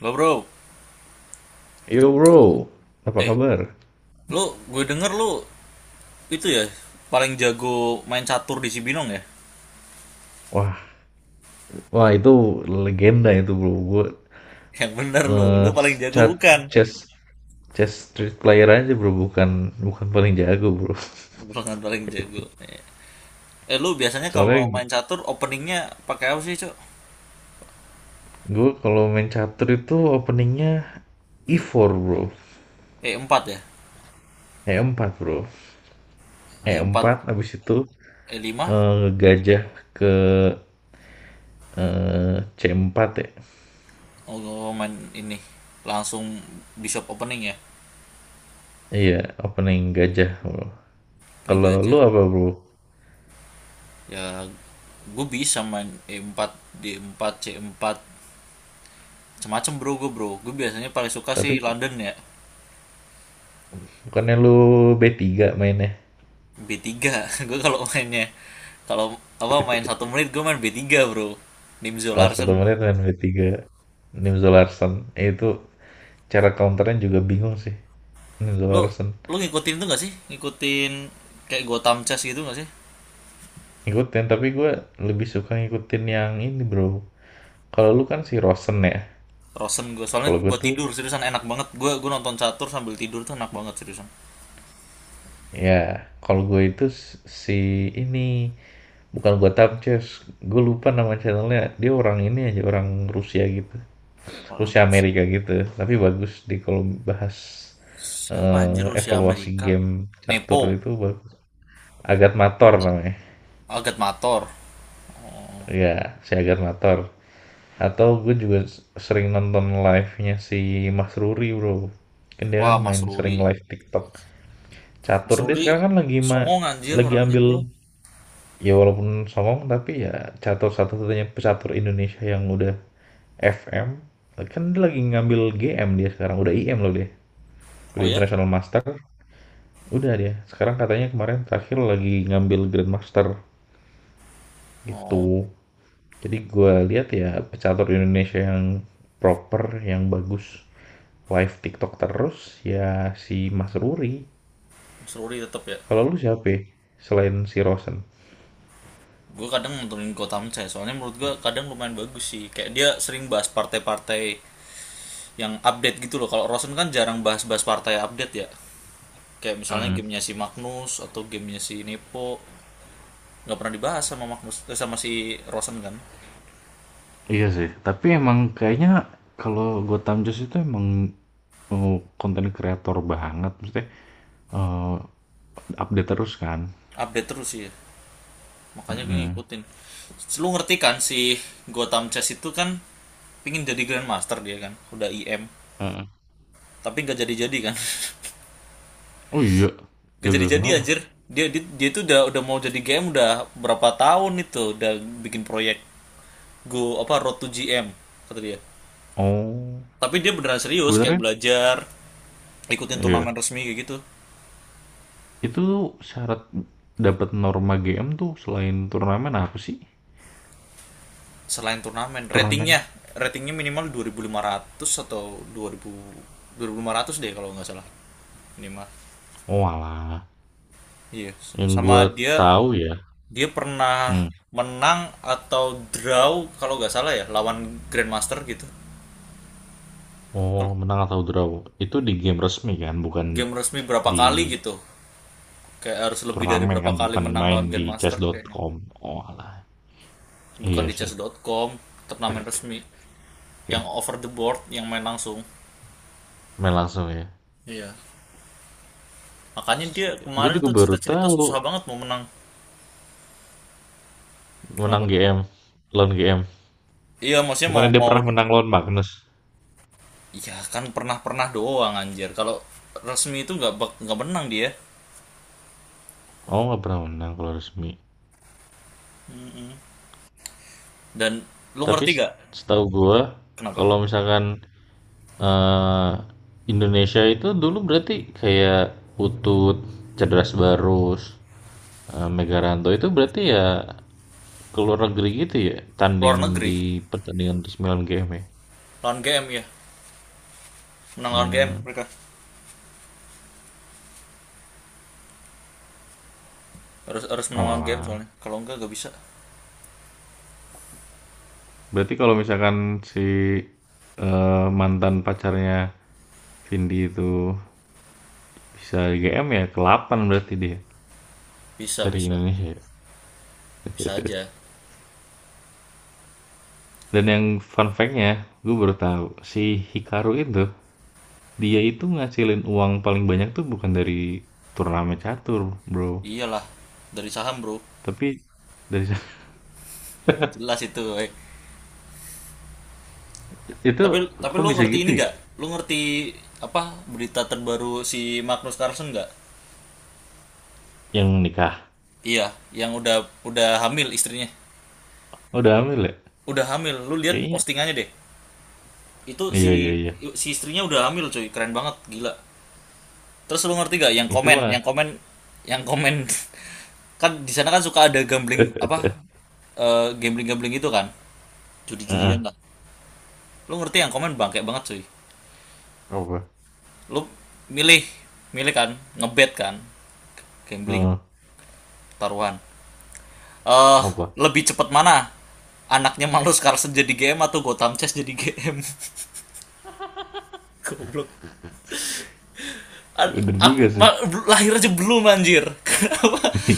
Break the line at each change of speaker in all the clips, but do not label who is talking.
Lo bro,
Hey, Yo bro, apa
eh,
kabar?
lo gue denger lo itu ya paling jago main catur di Cibinong ya?
Wah, wah itu legenda itu bro. Gue
Yang bener lo
eh,
paling jago
chat
bukan?
chess chess street player aja bro, bukan bukan paling jago bro.
Bukan paling jago. Lo biasanya kalau
Soalnya
main catur openingnya pakai apa sih, Cok?
gue kalau main catur itu openingnya E4 bro,
4 ya?
E4 bro,
4,
E4 abis itu
5?
gajah ke C4 ya.
Oh, lo main ini. Langsung bishop opening ya?
Iya, opening gajah bro.
Opening
Kalau lu
gajah.
apa bro?
Ya, gue bisa main E4, D4, C4, semacam bro. Gue biasanya paling suka
Tapi
sih London ya.
bukannya lu B3 mainnya?
B tiga, gue kalau mainnya, kalau apa, main 1 menit gue main b tiga bro, Nimzo
Oh,
Larsen.
satu menit main B3. Nim Zolarsen. Itu cara counternya juga bingung sih. Nim
lu
Zolarsen.
lu ngikutin itu gak sih, ngikutin kayak Gotham Chess gitu gak sih?
Ngikutin, tapi gue lebih suka ngikutin yang ini bro. Kalau lu kan si Rosen ya.
Rosen gue soalnya
Kalau gue
buat
tuh,
tidur, seriusan enak banget. Gue nonton catur sambil tidur tuh enak banget, seriusan.
ya kalau gue itu si ini. Bukan gue Chess. Gue lupa nama channelnya. Dia orang ini aja, orang Rusia gitu.
Orang
Rusia
Rusia.
Amerika gitu. Tapi bagus di kalau bahas
Siapa anjir Rusia
evaluasi
Amerika?
game catur
Nepo.
itu bagus. Agat Mator namanya.
Agat Mator.
Iya, Siagar Motor. Atau gue juga sering nonton live-nya si Mas Ruri, bro. Kan dia
Wah,
kan
Mas
main sering
Ruri.
live TikTok.
Mas
Catur dia
Ruri
sekarang kan lagi ma
songong anjir
lagi
orangnya,
ambil
bro.
ya walaupun songong tapi ya catur satu-satunya pecatur Indonesia yang udah FM. Kan dia lagi ngambil GM dia sekarang, udah IM loh dia.
Oh
Udah
ya.
International Master, udah dia. Sekarang katanya kemarin terakhir lagi ngambil Grand Master gitu.
Oh,
Jadi gue lihat ya pecatur Indonesia yang proper, yang bagus live TikTok terus ya si Mas Ruri.
Mas Ruri tetap ya.
Kalau lu siapa ya? Selain si Rosen?
Gue kadang nontonin Gotham Chess, soalnya menurut gue kadang lumayan bagus sih, kayak dia sering bahas partai-partai yang update gitu loh. Kalau Rosen kan jarang bahas-bahas partai update ya, kayak misalnya
Hmm,
gamenya si Magnus atau gamenya si Nepo, nggak pernah dibahas sama Magnus, eh, sama si Rosen kan.
iya sih, tapi emang kayaknya kalau Gotham Chess itu emang oh, konten kreator banget, maksudnya eh, update terus kan.
Update terus sih ya. Makanya gue
Mm-mm.
ngikutin. Lu ngerti kan si Gotham Chess itu kan pingin jadi Grandmaster, dia kan udah IM
Heeh.
tapi nggak jadi-jadi kan?
Oh iya,
Gak
gara-gara
jadi-jadi
kenapa?
anjir. Dia, dia dia itu udah mau jadi GM udah berapa tahun itu, udah bikin proyek Go apa Road to GM kata dia.
Oh,
Tapi dia beneran serius, kayak
sebenarnya,
belajar, ikutin
iya.
turnamen resmi kayak gitu.
Itu syarat dapat norma GM tuh selain turnamen apa sih?
Selain turnamen,
Turnamen?
ratingnya ratingnya minimal 2.500, atau dua dua ribu 2.500 deh kalau nggak salah. Minimal.
Oh alah,
Iya.
yang
Sama
gue
dia
tahu ya.
dia pernah
Hmm.
menang atau draw kalau nggak salah ya, lawan Grandmaster gitu.
Oh,
Kalau
menang atau draw. Itu di game resmi kan, bukan
game resmi berapa
di
kali gitu. Kayak harus lebih dari
turnamen
berapa
kan,
kali
bukan
menang
main
lawan
di
Grandmaster kayaknya.
chess.com. Oh alah,
Bukan
iya
di
sih.
chess.com, turnamen resmi. Yang over the board, yang main langsung.
Main langsung ya.
Iya. Makanya dia
Gue
kemarin
juga
tuh
baru
cerita-cerita
tahu
susah banget mau menang.
menang
Kenapa?
GM, lawan GM.
Iya, maksudnya mau
Bukannya dia
mau
pernah menang lawan Magnus.
ya kan pernah-pernah doang anjir. Kalau resmi itu nggak menang dia.
Oh, nggak pernah menang kalau resmi.
Dan lu
Tapi
ngerti
s-
gak?
setahu gue,
Kenapa?
kalau misalkan Eee, Indonesia itu dulu berarti kayak Putut, Cedras Barus, Megaranto itu berarti ya keluar negeri gitu ya, tanding
Luar negeri
di pertandingan sembilan game ya?
lawan GM ya. Menang lawan GM
Mmm,
mereka. Harus harus menang lawan GM
oalah.
soalnya. Kalau enggak, nggak bisa.
Berarti kalau misalkan si, mantan pacarnya Vindi itu bisa LGM ya ke-8 berarti dia
Bisa,
dari
bisa.
Indonesia ya?
Bisa aja.
Dan yang fun fact-nya, gue baru tahu si Hikaru itu dia itu ngasilin uang paling banyak tuh bukan dari turnamen catur, bro.
Iyalah, dari saham, Bro.
Tapi dari
Jelas itu eh.
itu
Tapi
kok
lu
bisa
ngerti ini
gitu ya?
nggak, lu ngerti apa berita terbaru si Magnus Carlsen nggak?
Yang nikah.
Iya, yang udah hamil istrinya.
Oh, udah hamil ya?
Udah hamil, lu lihat
Kayaknya.
postingannya deh. Itu si,
Iya, iya, iya.
istrinya udah hamil cuy, keren banget, gila. Terus lu ngerti nggak yang
Itu
komen,
mah.
yang komen kan di sana kan suka ada gambling apa, gambling gambling itu kan judi-judian
Heeh.
lah. Lu ngerti yang komen bangke banget cuy?
Apa?
Lu milih milih kan, ngebet kan, gambling,
Heeh.
taruhan. Eh, uh,
Apa?
Lebih cepat mana, anaknya Malus Carlsen jadi GM atau Gotham Chess jadi GM? Goblok. An-
Bener juga
ak-
sih.
ma- Lahir aja belum anjir. Kenapa?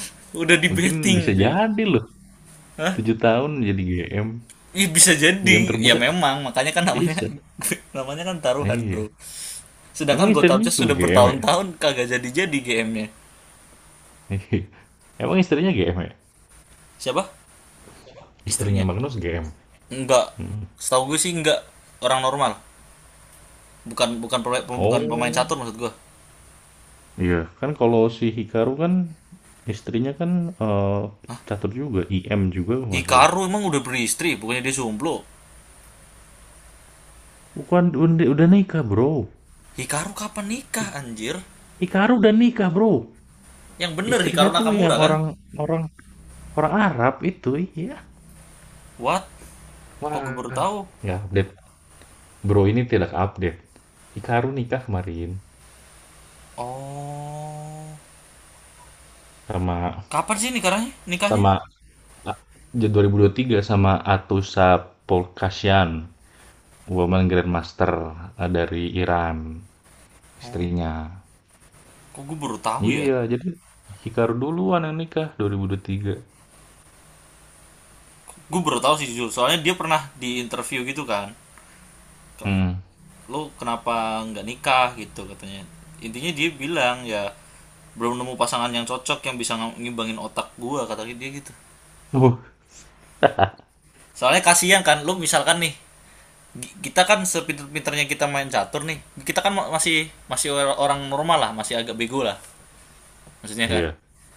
Udah di
Mungkin bisa
betting cuy.
jadi loh.
Hah?
7 tahun jadi GM.
Ya bisa jadi.
GM
Ya
termuda.
memang, makanya kan namanya,
Bisa.
namanya kan taruhan, Bro.
Iya.
Sedangkan
Emang
Gotham
istrinya
Chess
juga
sudah
GM ya?
bertahun-tahun kagak jadi-jadi GM-nya.
Emang istrinya GM ya?
Siapa?
Istrinya
Istrinya.
Magnus GM.
Enggak.
Hmm.
Setahu gue sih enggak, orang normal. Bukan bukan bukan pemain
Oh.
catur maksud gue.
Iya, kan kalau si Hikaru kan istrinya kan, eee, catur juga, IM juga kalau nggak salah.
Hikaru emang udah beristri, bukannya dia jomblo.
Bukan, udah nikah, Bro.
Hikaru kapan
Hi
nikah anjir?
Hikaru udah nikah, Bro.
Yang bener
Istrinya
Hikaru
tuh yang
Nakamura kan?
orang orang orang Arab itu, iya.
What? Kok gue
Wah,
baru tahu?
nggak update, Bro ini tidak update. Hikaru nikah kemarin
Oh.
sama
Kapan sih nikahnya? Nikahnya?
sama a ja tiga sama Atusa Polkasyan, Woman Grandmaster, dari Iran,
Oh.
istrinya.
Kok gue baru tahu ya?
Iya, jadi Hikaru duluan yang nikah 2023.
Gue baru tahu sih jujur, soalnya dia pernah di interview gitu kan.
Mhm.
Lo kenapa nggak nikah gitu katanya. Intinya dia bilang ya belum nemu pasangan yang cocok, yang bisa ngimbangin otak gua kata dia gitu.
Uh.
Soalnya kasihan kan, lo misalkan nih, kita kan sepinter-pinternya kita main catur nih, kita kan masih masih orang normal lah, masih agak bego lah maksudnya kan.
Iya,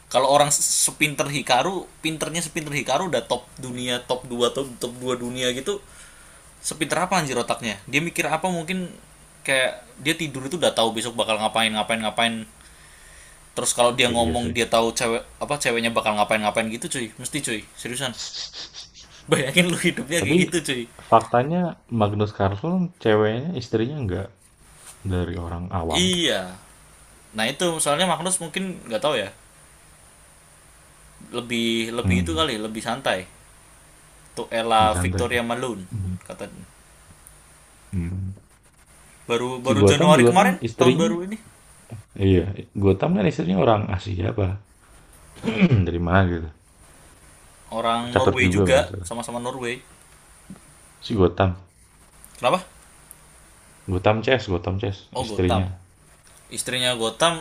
Kalau orang sepinter Hikaru, pinternya sepinter Hikaru udah top dunia, top dua, top top 2 dunia gitu, sepinter apa anjir otaknya, dia mikir apa mungkin, kayak dia tidur itu udah tahu besok bakal ngapain ngapain ngapain. Terus kalau dia
iya
ngomong,
sih.
dia tahu cewek apa ceweknya bakal ngapain ngapain gitu cuy, mesti cuy, seriusan. Bayangin lu hidupnya kayak
Tapi
gitu cuy.
faktanya Magnus Carlsen ceweknya, istrinya enggak dari orang awam.
Iya, nah itu soalnya Magnus mungkin nggak tahu ya, lebih lebih itu
Mhm,
kali, lebih santai. Untuk Ella
lebih santai ya.
Victoria Malone
Mhm,
kata,
mhm.
baru
Si
baru
Gotham
Januari
juga kan
kemarin tahun
istrinya
baru ini.
iya, Gotham kan istrinya orang Asia apa dari mana gitu.
Orang
Pecatur
Norway
juga kalau
juga,
nggak salah.
sama-sama Norway.
Si Gotham,
Kenapa?
Gotham Chess, Gotham Chess
Oh, Gotham.
istrinya.
Istrinya Gotham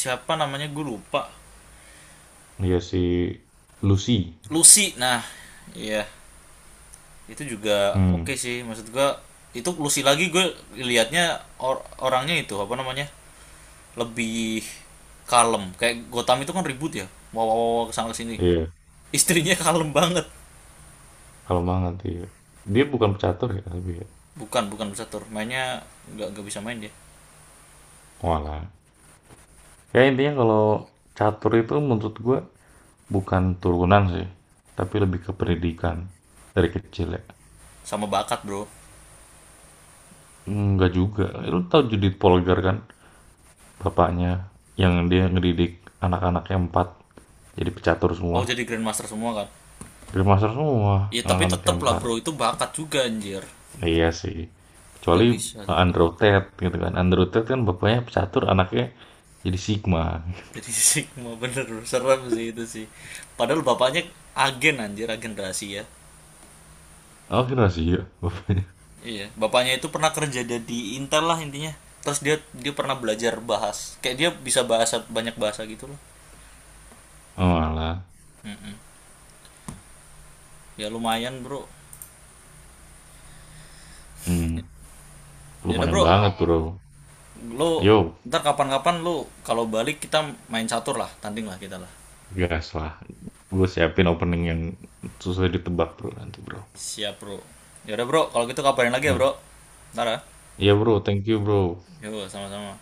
siapa namanya, gue lupa.
Iya si Lucy.
Lucy, nah iya. Itu juga oke
Mhm,
okay sih maksud gue, itu Lucy lagi gue liatnya. Orangnya itu apa namanya, lebih kalem. Kayak Gotham itu kan ribut ya, wow wow wow kesana kesini,
iya.
istrinya kalem banget.
Kalau banget, iya. Dia bukan pecatur ya tapi ya?
Bukan, bukan bisa tur. Mainnya nggak bisa main dia.
Oalah. Ya intinya kalau catur itu menurut gue bukan turunan sih, tapi lebih ke pendidikan dari kecil ya.
Sama bakat, Bro.
Enggak juga. Lu tahu Judith Polgar kan? Bapaknya yang dia ngedidik anak-anaknya empat jadi pecatur
Oh,
semua.
jadi grandmaster semua kan.
Grandmaster semua
Iya, tapi
anak-anaknya
tetep lah,
empat.
Bro. Itu bakat juga anjir.
Nah, iya sih.
Nggak
Kecuali
bisa tetep.
Andrew Tate gitu kan. Andrew Tate kan bapaknya pecatur, anaknya jadi Sigma.
Jadi, Sigma bener bro. Serem sih itu sih. Padahal bapaknya agen anjir, agen rahasia.
Oh, kira sih ya bapaknya.
Iya, bapaknya itu pernah kerja di Intel lah intinya. Terus dia dia pernah belajar bahas. Kayak dia bisa bahasa, banyak bahasa gitu loh.
Oh, alah.
Ya lumayan, Bro.
Hmm,
Ya udah,
lumayan
Bro.
banget, Bro.
Lo
Yo,
ntar kapan-kapan lo kalau balik kita main catur lah, tanding lah kita lah.
gas lah. Gue siapin opening yang susah ditebak, Bro, nanti, Bro.
Siap bro. Yaudah bro, kalau gitu kabarin lagi ya
Ya,
bro. Ntar ya.
iya, Bro. Thank you, Bro.
Yo, sama-sama.